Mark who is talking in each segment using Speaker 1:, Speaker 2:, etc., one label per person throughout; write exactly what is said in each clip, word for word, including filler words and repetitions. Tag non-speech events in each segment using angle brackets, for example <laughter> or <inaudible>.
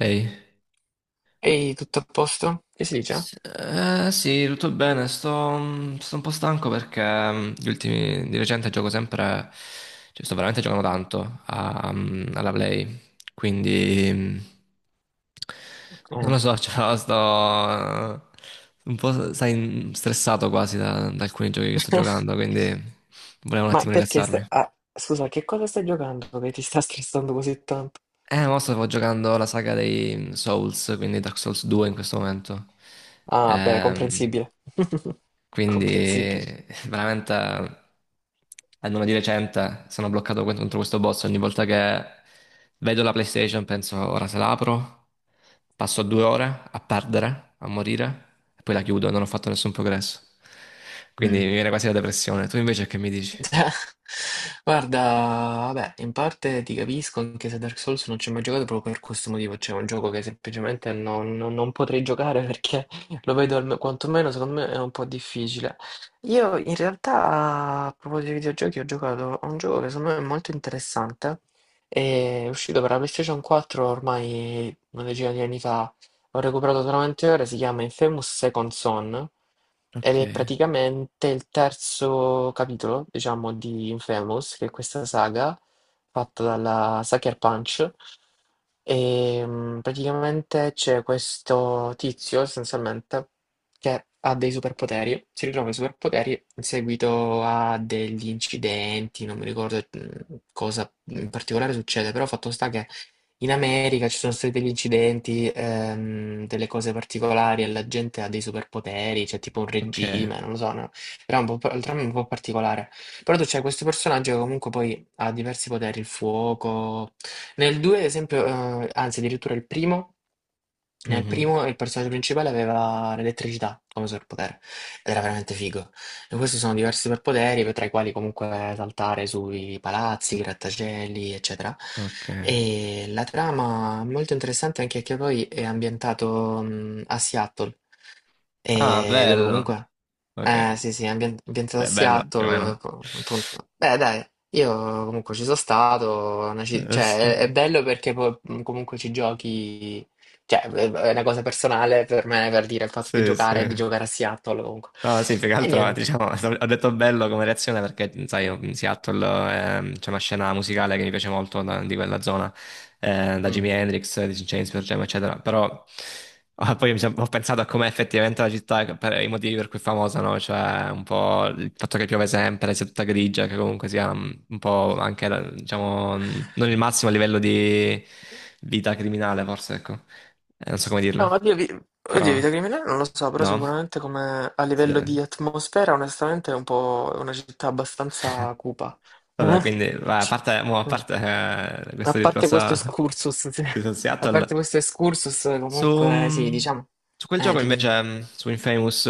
Speaker 1: Ehi,
Speaker 2: Ehi, tutto a posto? Che si dice?
Speaker 1: S- eh, sì, tutto bene, sto, mm, sto un po' stanco perché mm, gli ultimi, di recente gioco sempre, cioè sto veramente giocando tanto a- mm, alla Play, quindi mm, non
Speaker 2: Eh,
Speaker 1: lo so, <laughs> cioè, sto eh, un po' sai, stressato quasi da, da alcuni giochi che sto giocando, quindi volevo un
Speaker 2: ma
Speaker 1: attimo
Speaker 2: perché stai...
Speaker 1: rilassarmi.
Speaker 2: ah, scusa, che cosa stai giocando che ti sta stressando così tanto?
Speaker 1: Eh, mo stavo giocando la saga dei mm, Souls, quindi Dark Souls due in questo momento.
Speaker 2: Ah, beh,
Speaker 1: Ehm...
Speaker 2: comprensibile, <laughs>
Speaker 1: Quindi
Speaker 2: comprensibile.
Speaker 1: <laughs> veramente almeno di recente sono bloccato contro questo boss ogni volta che vedo la PlayStation penso ora se la apro, passo due ore a perdere, a morire e poi la chiudo, non ho fatto nessun progresso. Quindi mi viene quasi la depressione. Tu invece che mi dici?
Speaker 2: <laughs> Guarda, vabbè, in parte ti capisco, anche se Dark Souls non ci ho mai giocato proprio per questo motivo, cioè è un gioco che semplicemente non, non- non potrei giocare <laughs> perché lo vedo alme- quantomeno secondo me è un po' difficile. Io in realtà, a proposito di videogiochi, ho giocato a un gioco che secondo me è molto interessante, è uscito per la PlayStation quattro ormai una decina di anni fa, ho recuperato solamente ora, si chiama Infamous Second Son, ed
Speaker 1: Ok,
Speaker 2: è praticamente il terzo capitolo, diciamo, di Infamous, che è questa saga fatta dalla Sucker Punch. E mm, praticamente c'è questo tizio, essenzialmente, che ha dei superpoteri, si ritrova i superpoteri in seguito a degli incidenti, non mi ricordo mm, cosa in particolare succede, però fatto sta che in America ci sono stati degli incidenti, ehm, delle cose particolari e la gente ha dei superpoteri, c'è tipo un
Speaker 1: ok,
Speaker 2: regime, non lo so, no? Però è un po', par- il dramma è un po' particolare. Però tu c'è questo personaggio che comunque poi ha diversi poteri, il fuoco. Nel due, ad esempio, eh, anzi addirittura il primo, nel
Speaker 1: mhm,
Speaker 2: primo il personaggio principale aveva l'elettricità come superpotere ed era veramente figo. E questi sono diversi superpoteri, tra i quali comunque saltare sui palazzi, i grattacieli, eccetera.
Speaker 1: ok.
Speaker 2: E la trama è molto interessante anche perché poi è ambientato mh, a Seattle,
Speaker 1: Ah,
Speaker 2: e dove
Speaker 1: bello.
Speaker 2: comunque
Speaker 1: Ok,
Speaker 2: eh, sì, sì, ambien- ambientato a
Speaker 1: è bello più o meno.
Speaker 2: Seattle, co- appunto. Beh, dai, io comunque ci sono stato, è una ci-
Speaker 1: Eh, sì,
Speaker 2: cioè, è, è bello perché poi, mh, comunque ci giochi, cioè, è è una cosa personale per me, per dire, il fatto di
Speaker 1: sì,
Speaker 2: giocare, di
Speaker 1: sì.
Speaker 2: giocare a Seattle, comunque.
Speaker 1: No, sì, più che
Speaker 2: E
Speaker 1: altro,
Speaker 2: niente.
Speaker 1: diciamo, <laughs> ho detto bello come reazione perché, sai, io in Seattle ehm, c'è una scena musicale che mi piace molto da- di quella zona, eh, da Jimi
Speaker 2: Mm.
Speaker 1: Hendrix, di James Jam, eccetera, però <laughs> ah, poi mi sono- ho pensato a com'è effettivamente la città, per i motivi per cui è famosa, no? Cioè, un po' il fatto che piove sempre, sia tutta grigia, che comunque sia mm, un po' anche, la- diciamo, mm, non il massimo livello di vita criminale, forse, ecco, Eh, non so come dirlo,
Speaker 2: No, oddio, vi- oddio,
Speaker 1: però,
Speaker 2: Vita Criminale non lo so, però
Speaker 1: no?
Speaker 2: sicuramente come a livello di
Speaker 1: Sì.
Speaker 2: atmosfera, onestamente è un po' è una città abbastanza cupa.
Speaker 1: Vabbè, quindi va, a parte, mo, a
Speaker 2: Mm.
Speaker 1: parte, eh,
Speaker 2: A
Speaker 1: questo
Speaker 2: parte
Speaker 1: discorso
Speaker 2: questo excursus, <laughs> sì.
Speaker 1: di South
Speaker 2: A parte
Speaker 1: Seattle,
Speaker 2: questo excursus, comunque sì,
Speaker 1: su,
Speaker 2: diciamo...
Speaker 1: su quel
Speaker 2: Eh,
Speaker 1: gioco
Speaker 2: dimmi.
Speaker 1: invece, mh, su Infamous,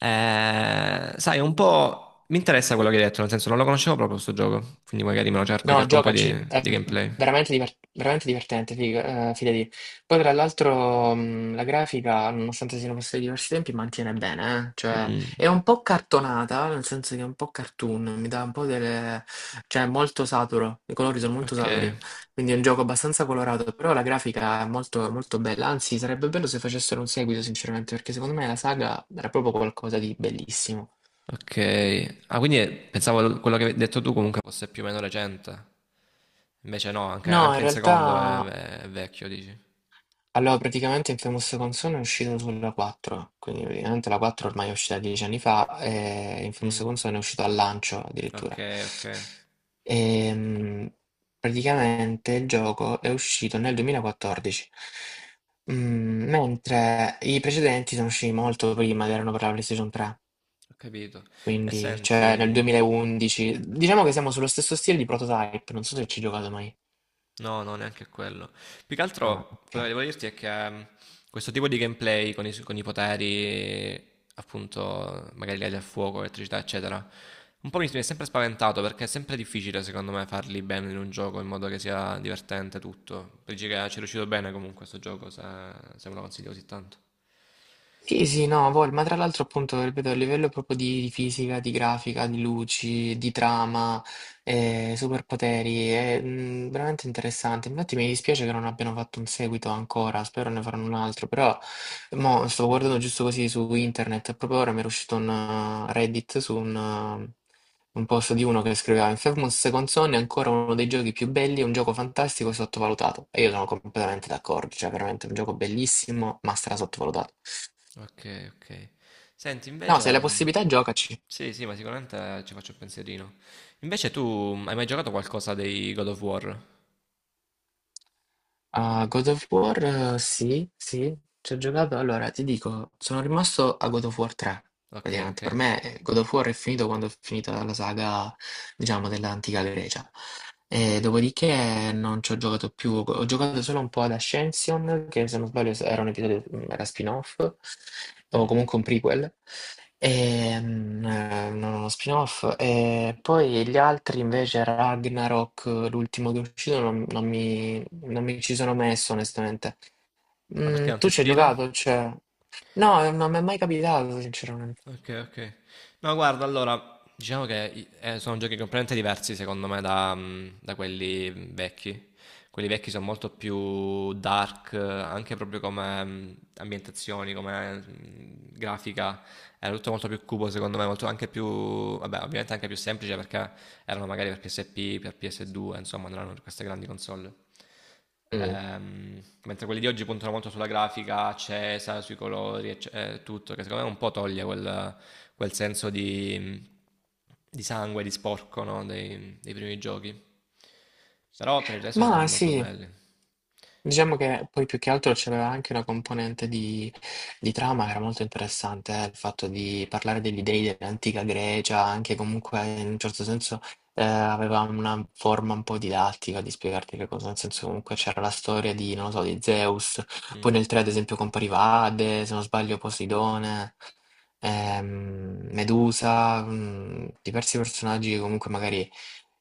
Speaker 1: eh, sai, un po' mi interessa quello che hai detto, nel senso non lo conoscevo proprio questo gioco, quindi magari me lo cerco,
Speaker 2: No,
Speaker 1: cerco un po' di,
Speaker 2: giocaci, è
Speaker 1: di gameplay.
Speaker 2: veramente, diver- veramente divertente, figa- eh, fidati. Poi tra l'altro mh, la grafica, nonostante siano passati diversi tempi, mantiene bene, eh. Cioè
Speaker 1: Mm,
Speaker 2: è un po' cartonata, nel senso che è un po' cartoon, mi dà un po' delle... cioè è molto saturo, i colori sono molto
Speaker 1: ok,
Speaker 2: saturi, quindi è un gioco abbastanza colorato, però la grafica è molto, molto bella, anzi sarebbe bello se facessero un seguito sinceramente, perché secondo me la saga era proprio qualcosa di bellissimo.
Speaker 1: ok. Ah, quindi pensavo l- quello che hai detto tu comunque fosse più o meno recente, invece no, anche,
Speaker 2: No, in
Speaker 1: anche il secondo
Speaker 2: realtà
Speaker 1: è, è vecchio, dici.
Speaker 2: allora, praticamente Infamous Console è uscito sulla quattro, quindi praticamente la quattro ormai è uscita dieci anni fa e Infamous
Speaker 1: Mm,
Speaker 2: Console è uscito al lancio
Speaker 1: ok,
Speaker 2: addirittura.
Speaker 1: ok.
Speaker 2: Ehm, praticamente il gioco è uscito nel duemilaquattordici, mm, mentre i precedenti sono usciti molto prima ed erano per la PlayStation tre,
Speaker 1: Ho capito. E
Speaker 2: quindi
Speaker 1: senti,
Speaker 2: cioè nel
Speaker 1: mh,
Speaker 2: duemilaundici. Diciamo che siamo sullo stesso stile di Prototype, non so se ci hai giocato mai.
Speaker 1: no, no, neanche quello. Più che
Speaker 2: Ah,
Speaker 1: altro, quello che
Speaker 2: ok.
Speaker 1: devo dirti è che mh, questo tipo di gameplay con i, con i poteri, appunto, magari legati al fuoco, elettricità, eccetera, un po' mi mi è sempre spaventato perché è sempre difficile, secondo me, farli bene in un gioco in modo che sia divertente tutto. Dici che ci è riuscito bene comunque questo gioco, se, se me lo consiglio così tanto.
Speaker 2: Sì, sì, no, vol, ma tra l'altro appunto, ripeto, a livello proprio di, di fisica, di grafica, di luci, di trama, eh, superpoteri, è mm, veramente interessante. Infatti mi dispiace che non abbiano fatto un seguito ancora, spero ne faranno un altro, però mo, stavo guardando
Speaker 1: Mm.
Speaker 2: giusto così su internet, e proprio ora mi era uscito un uh, Reddit su un, uh, un post di uno che scriveva Infamous Second Son è ancora uno dei giochi più belli, è un gioco fantastico e sottovalutato. E io sono completamente d'accordo, cioè veramente è un gioco bellissimo, ma stra sottovalutato.
Speaker 1: Ok, ok. Senti,
Speaker 2: No, se hai
Speaker 1: invece,
Speaker 2: la
Speaker 1: mh,
Speaker 2: possibilità, giocaci.
Speaker 1: sì, sì, ma sicuramente ci faccio un pensierino. Invece tu mh, hai mai giocato qualcosa dei God of War?
Speaker 2: A God of War, eh, sì, sì, ci ho giocato. Allora, ti dico, sono rimasto a God of War tre,
Speaker 1: Ok,
Speaker 2: praticamente.
Speaker 1: ok.
Speaker 2: Per me eh, God of War è finito quando è finita la saga, diciamo, dell'antica Grecia. E dopodiché non ci ho giocato più, ho giocato solo un po' ad Ascension, che se non sbaglio era un episodio, mm, era spin-off, o
Speaker 1: Mm.
Speaker 2: comunque un prequel, e, mm, eh, non uno spin-off. E poi gli altri invece Ragnarok, l'ultimo che è uscito, non, non mi, non mi ci sono messo onestamente.
Speaker 1: Ma
Speaker 2: Mm,
Speaker 1: perché non ti
Speaker 2: tu ci hai
Speaker 1: ispira?
Speaker 2: giocato? Cioè... No, non mi è mai capitato sinceramente.
Speaker 1: Ok, ok. No, guarda, allora, diciamo che i- eh, sono giochi completamente diversi secondo me da, mh, da quelli mh, vecchi. Quelli vecchi sono molto più dark, eh, anche proprio come mh, ambientazioni, come mh, grafica. Era tutto molto più cubo secondo me, molto anche più, vabbè ovviamente anche più semplice perché erano magari per P S P, per P S due, insomma non erano per queste grandi console.
Speaker 2: Mm.
Speaker 1: Ehm, mentre quelli di oggi puntano molto sulla grafica accesa, sui colori, ecce- eh, tutto, che secondo me un po' toglie quel, quel senso di, di sangue, di sporco, no? dei, dei primi giochi. Però per il resto sono
Speaker 2: Ma
Speaker 1: molto
Speaker 2: sì.
Speaker 1: belli.
Speaker 2: Diciamo che poi più che altro c'aveva anche una componente di, di trama che era molto interessante, eh, il fatto di parlare degli dei dell'antica Grecia, anche comunque in un certo senso eh, aveva una forma un po' didattica di spiegarti che cosa, nel senso comunque c'era la storia di, non lo so, di Zeus, poi
Speaker 1: Mm,
Speaker 2: nel tre ad esempio compariva Ade, se non sbaglio Poseidone, ehm, Medusa, mm, diversi personaggi che comunque magari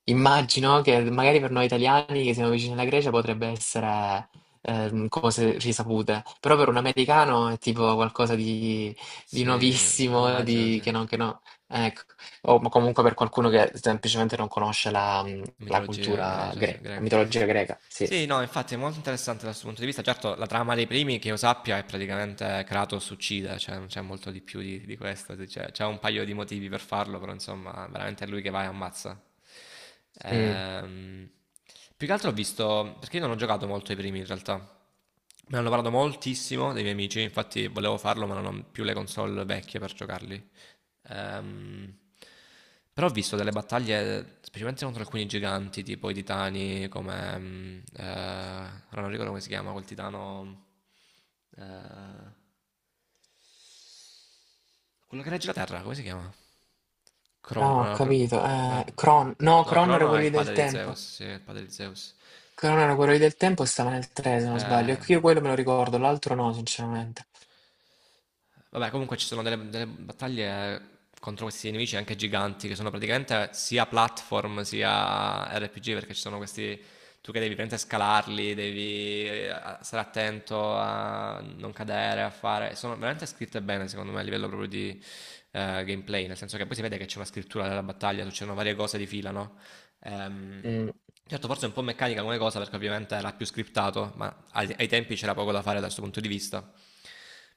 Speaker 2: immagino che magari per noi italiani che siamo vicini alla Grecia potrebbe essere ehm, cose risapute, però per un americano è tipo qualcosa di, di
Speaker 1: sì,
Speaker 2: nuovissimo,
Speaker 1: immagino,
Speaker 2: di,
Speaker 1: sì.
Speaker 2: che non, che no. Ecco. O ma comunque per qualcuno che semplicemente non conosce la, mh, la
Speaker 1: Mitologia
Speaker 2: cultura
Speaker 1: grecia, sì,
Speaker 2: greca, la
Speaker 1: greca.
Speaker 2: mitologia greca, sì.
Speaker 1: Sì, no, infatti è molto interessante da questo punto di vista. Certo, la trama dei primi, che io sappia, è praticamente Kratos uccide, cioè non c'è molto di più di, di questo. Cioè, c'è c'è un paio di motivi per farlo, però insomma, veramente è lui che va e ammazza.
Speaker 2: Mm.
Speaker 1: Ehm, Più che altro ho visto, perché io non ho giocato molto ai primi in realtà. Me ne hanno parlato moltissimo dei miei amici, infatti volevo farlo, ma non ho più le console vecchie per giocarli. Ehm, Però ho visto delle battaglie, specialmente contro alcuni giganti, tipo i titani, come, mm, eh, ora non ricordo come si chiama, quel titano, eh, quello che regge la Terra, come si chiama? Crono,
Speaker 2: No, ho
Speaker 1: no, Cro-
Speaker 2: capito.
Speaker 1: eh,
Speaker 2: Eh, Cron, no,
Speaker 1: no,
Speaker 2: Cron era
Speaker 1: Crono è
Speaker 2: quello
Speaker 1: il
Speaker 2: lì del
Speaker 1: padre di
Speaker 2: tempo.
Speaker 1: Zeus, sì, è il padre di Zeus.
Speaker 2: Cron era quello lì del tempo e stava nel tre, se non sbaglio. E
Speaker 1: Eh,
Speaker 2: qui io quello me lo ricordo, l'altro no, sinceramente.
Speaker 1: Vabbè, comunque ci sono delle, delle battaglie contro questi nemici anche giganti, che sono praticamente sia platform sia R P G, perché ci sono questi. Tu che devi praticamente scalarli, devi eh, stare attento a non cadere, a fare. Sono veramente scritte bene, secondo me, a livello proprio di eh, gameplay, nel senso che poi si vede che c'è una scrittura della battaglia, succedono varie cose di fila, no? Ehm, certo, forse è un po' meccanica come cosa, perché ovviamente era più scriptato, ma ai, ai tempi c'era poco da fare da questo punto di vista.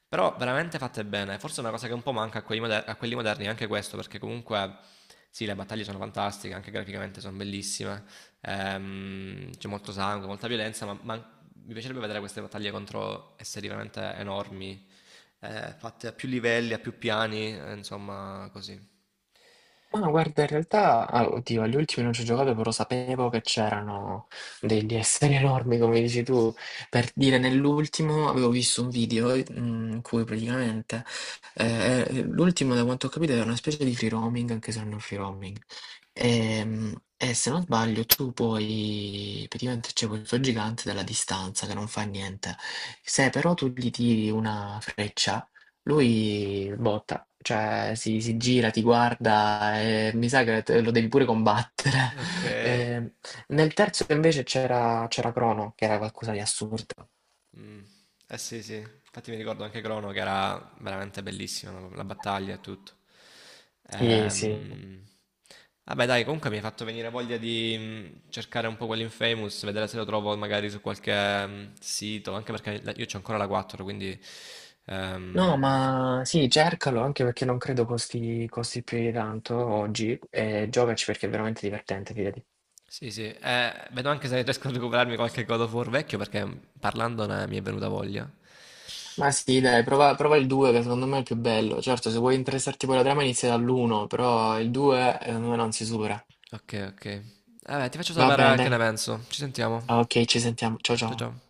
Speaker 1: Però veramente fatte bene. Forse è una cosa che un po' manca a quelli, moder- a quelli moderni, anche questo, perché comunque sì, le battaglie sono fantastiche, anche graficamente sono bellissime. Ehm, c'è molto sangue, molta violenza, ma, ma mi piacerebbe vedere queste battaglie contro esseri veramente enormi, eh, fatte a più livelli, a più piani, eh, insomma, così.
Speaker 2: Ma no, guarda, in realtà, ah, oddio, agli ultimi non ci ho giocato, però sapevo che c'erano degli esseri enormi, come dici tu. Per dire, nell'ultimo avevo visto un video eh, in cui praticamente eh, eh, l'ultimo, da quanto ho capito, era una specie di free roaming, anche se non è un free roaming. Ehm, E, se non sbaglio, tu puoi, praticamente c'è questo gigante della distanza che non fa niente. Se però tu gli tiri una freccia, lui botta, cioè si, si gira, ti guarda e mi sa che te- lo devi pure combattere.
Speaker 1: Ok.
Speaker 2: <laughs> Eh, nel terzo invece c'era c'era Crono, che era qualcosa di assurdo.
Speaker 1: Mm. Eh sì, sì, infatti mi ricordo anche Crono che era veramente bellissima la la battaglia e tutto.
Speaker 2: Sì, sì.
Speaker 1: Ehm, Vabbè, dai, comunque mi hai fatto venire voglia di mm, cercare un po' quell'Infamous, vedere se lo trovo magari su qualche mm, sito, anche perché la- io c'ho ancora la quattro, quindi
Speaker 2: No,
Speaker 1: ehm,
Speaker 2: ma sì, cercalo anche perché non credo costi, costi più di tanto oggi e giocaci perché è veramente divertente, fidati.
Speaker 1: sì, sì. Eh, vedo anche se riesco a recuperarmi qualche God of War vecchio perché mm, parlandone mi è venuta voglia.
Speaker 2: Ma sì, dai, prova, prova il due che secondo me è il più bello. Certo, se vuoi interessarti poi alla trama inizia dall'uno, però il due secondo me non si supera.
Speaker 1: Ok, ok. Eh, Vabbè, ti faccio
Speaker 2: Va bene,
Speaker 1: sapere che
Speaker 2: dai.
Speaker 1: ne penso. Ci sentiamo.
Speaker 2: Ok, ci sentiamo. Ciao
Speaker 1: Ciao
Speaker 2: ciao.
Speaker 1: ciao.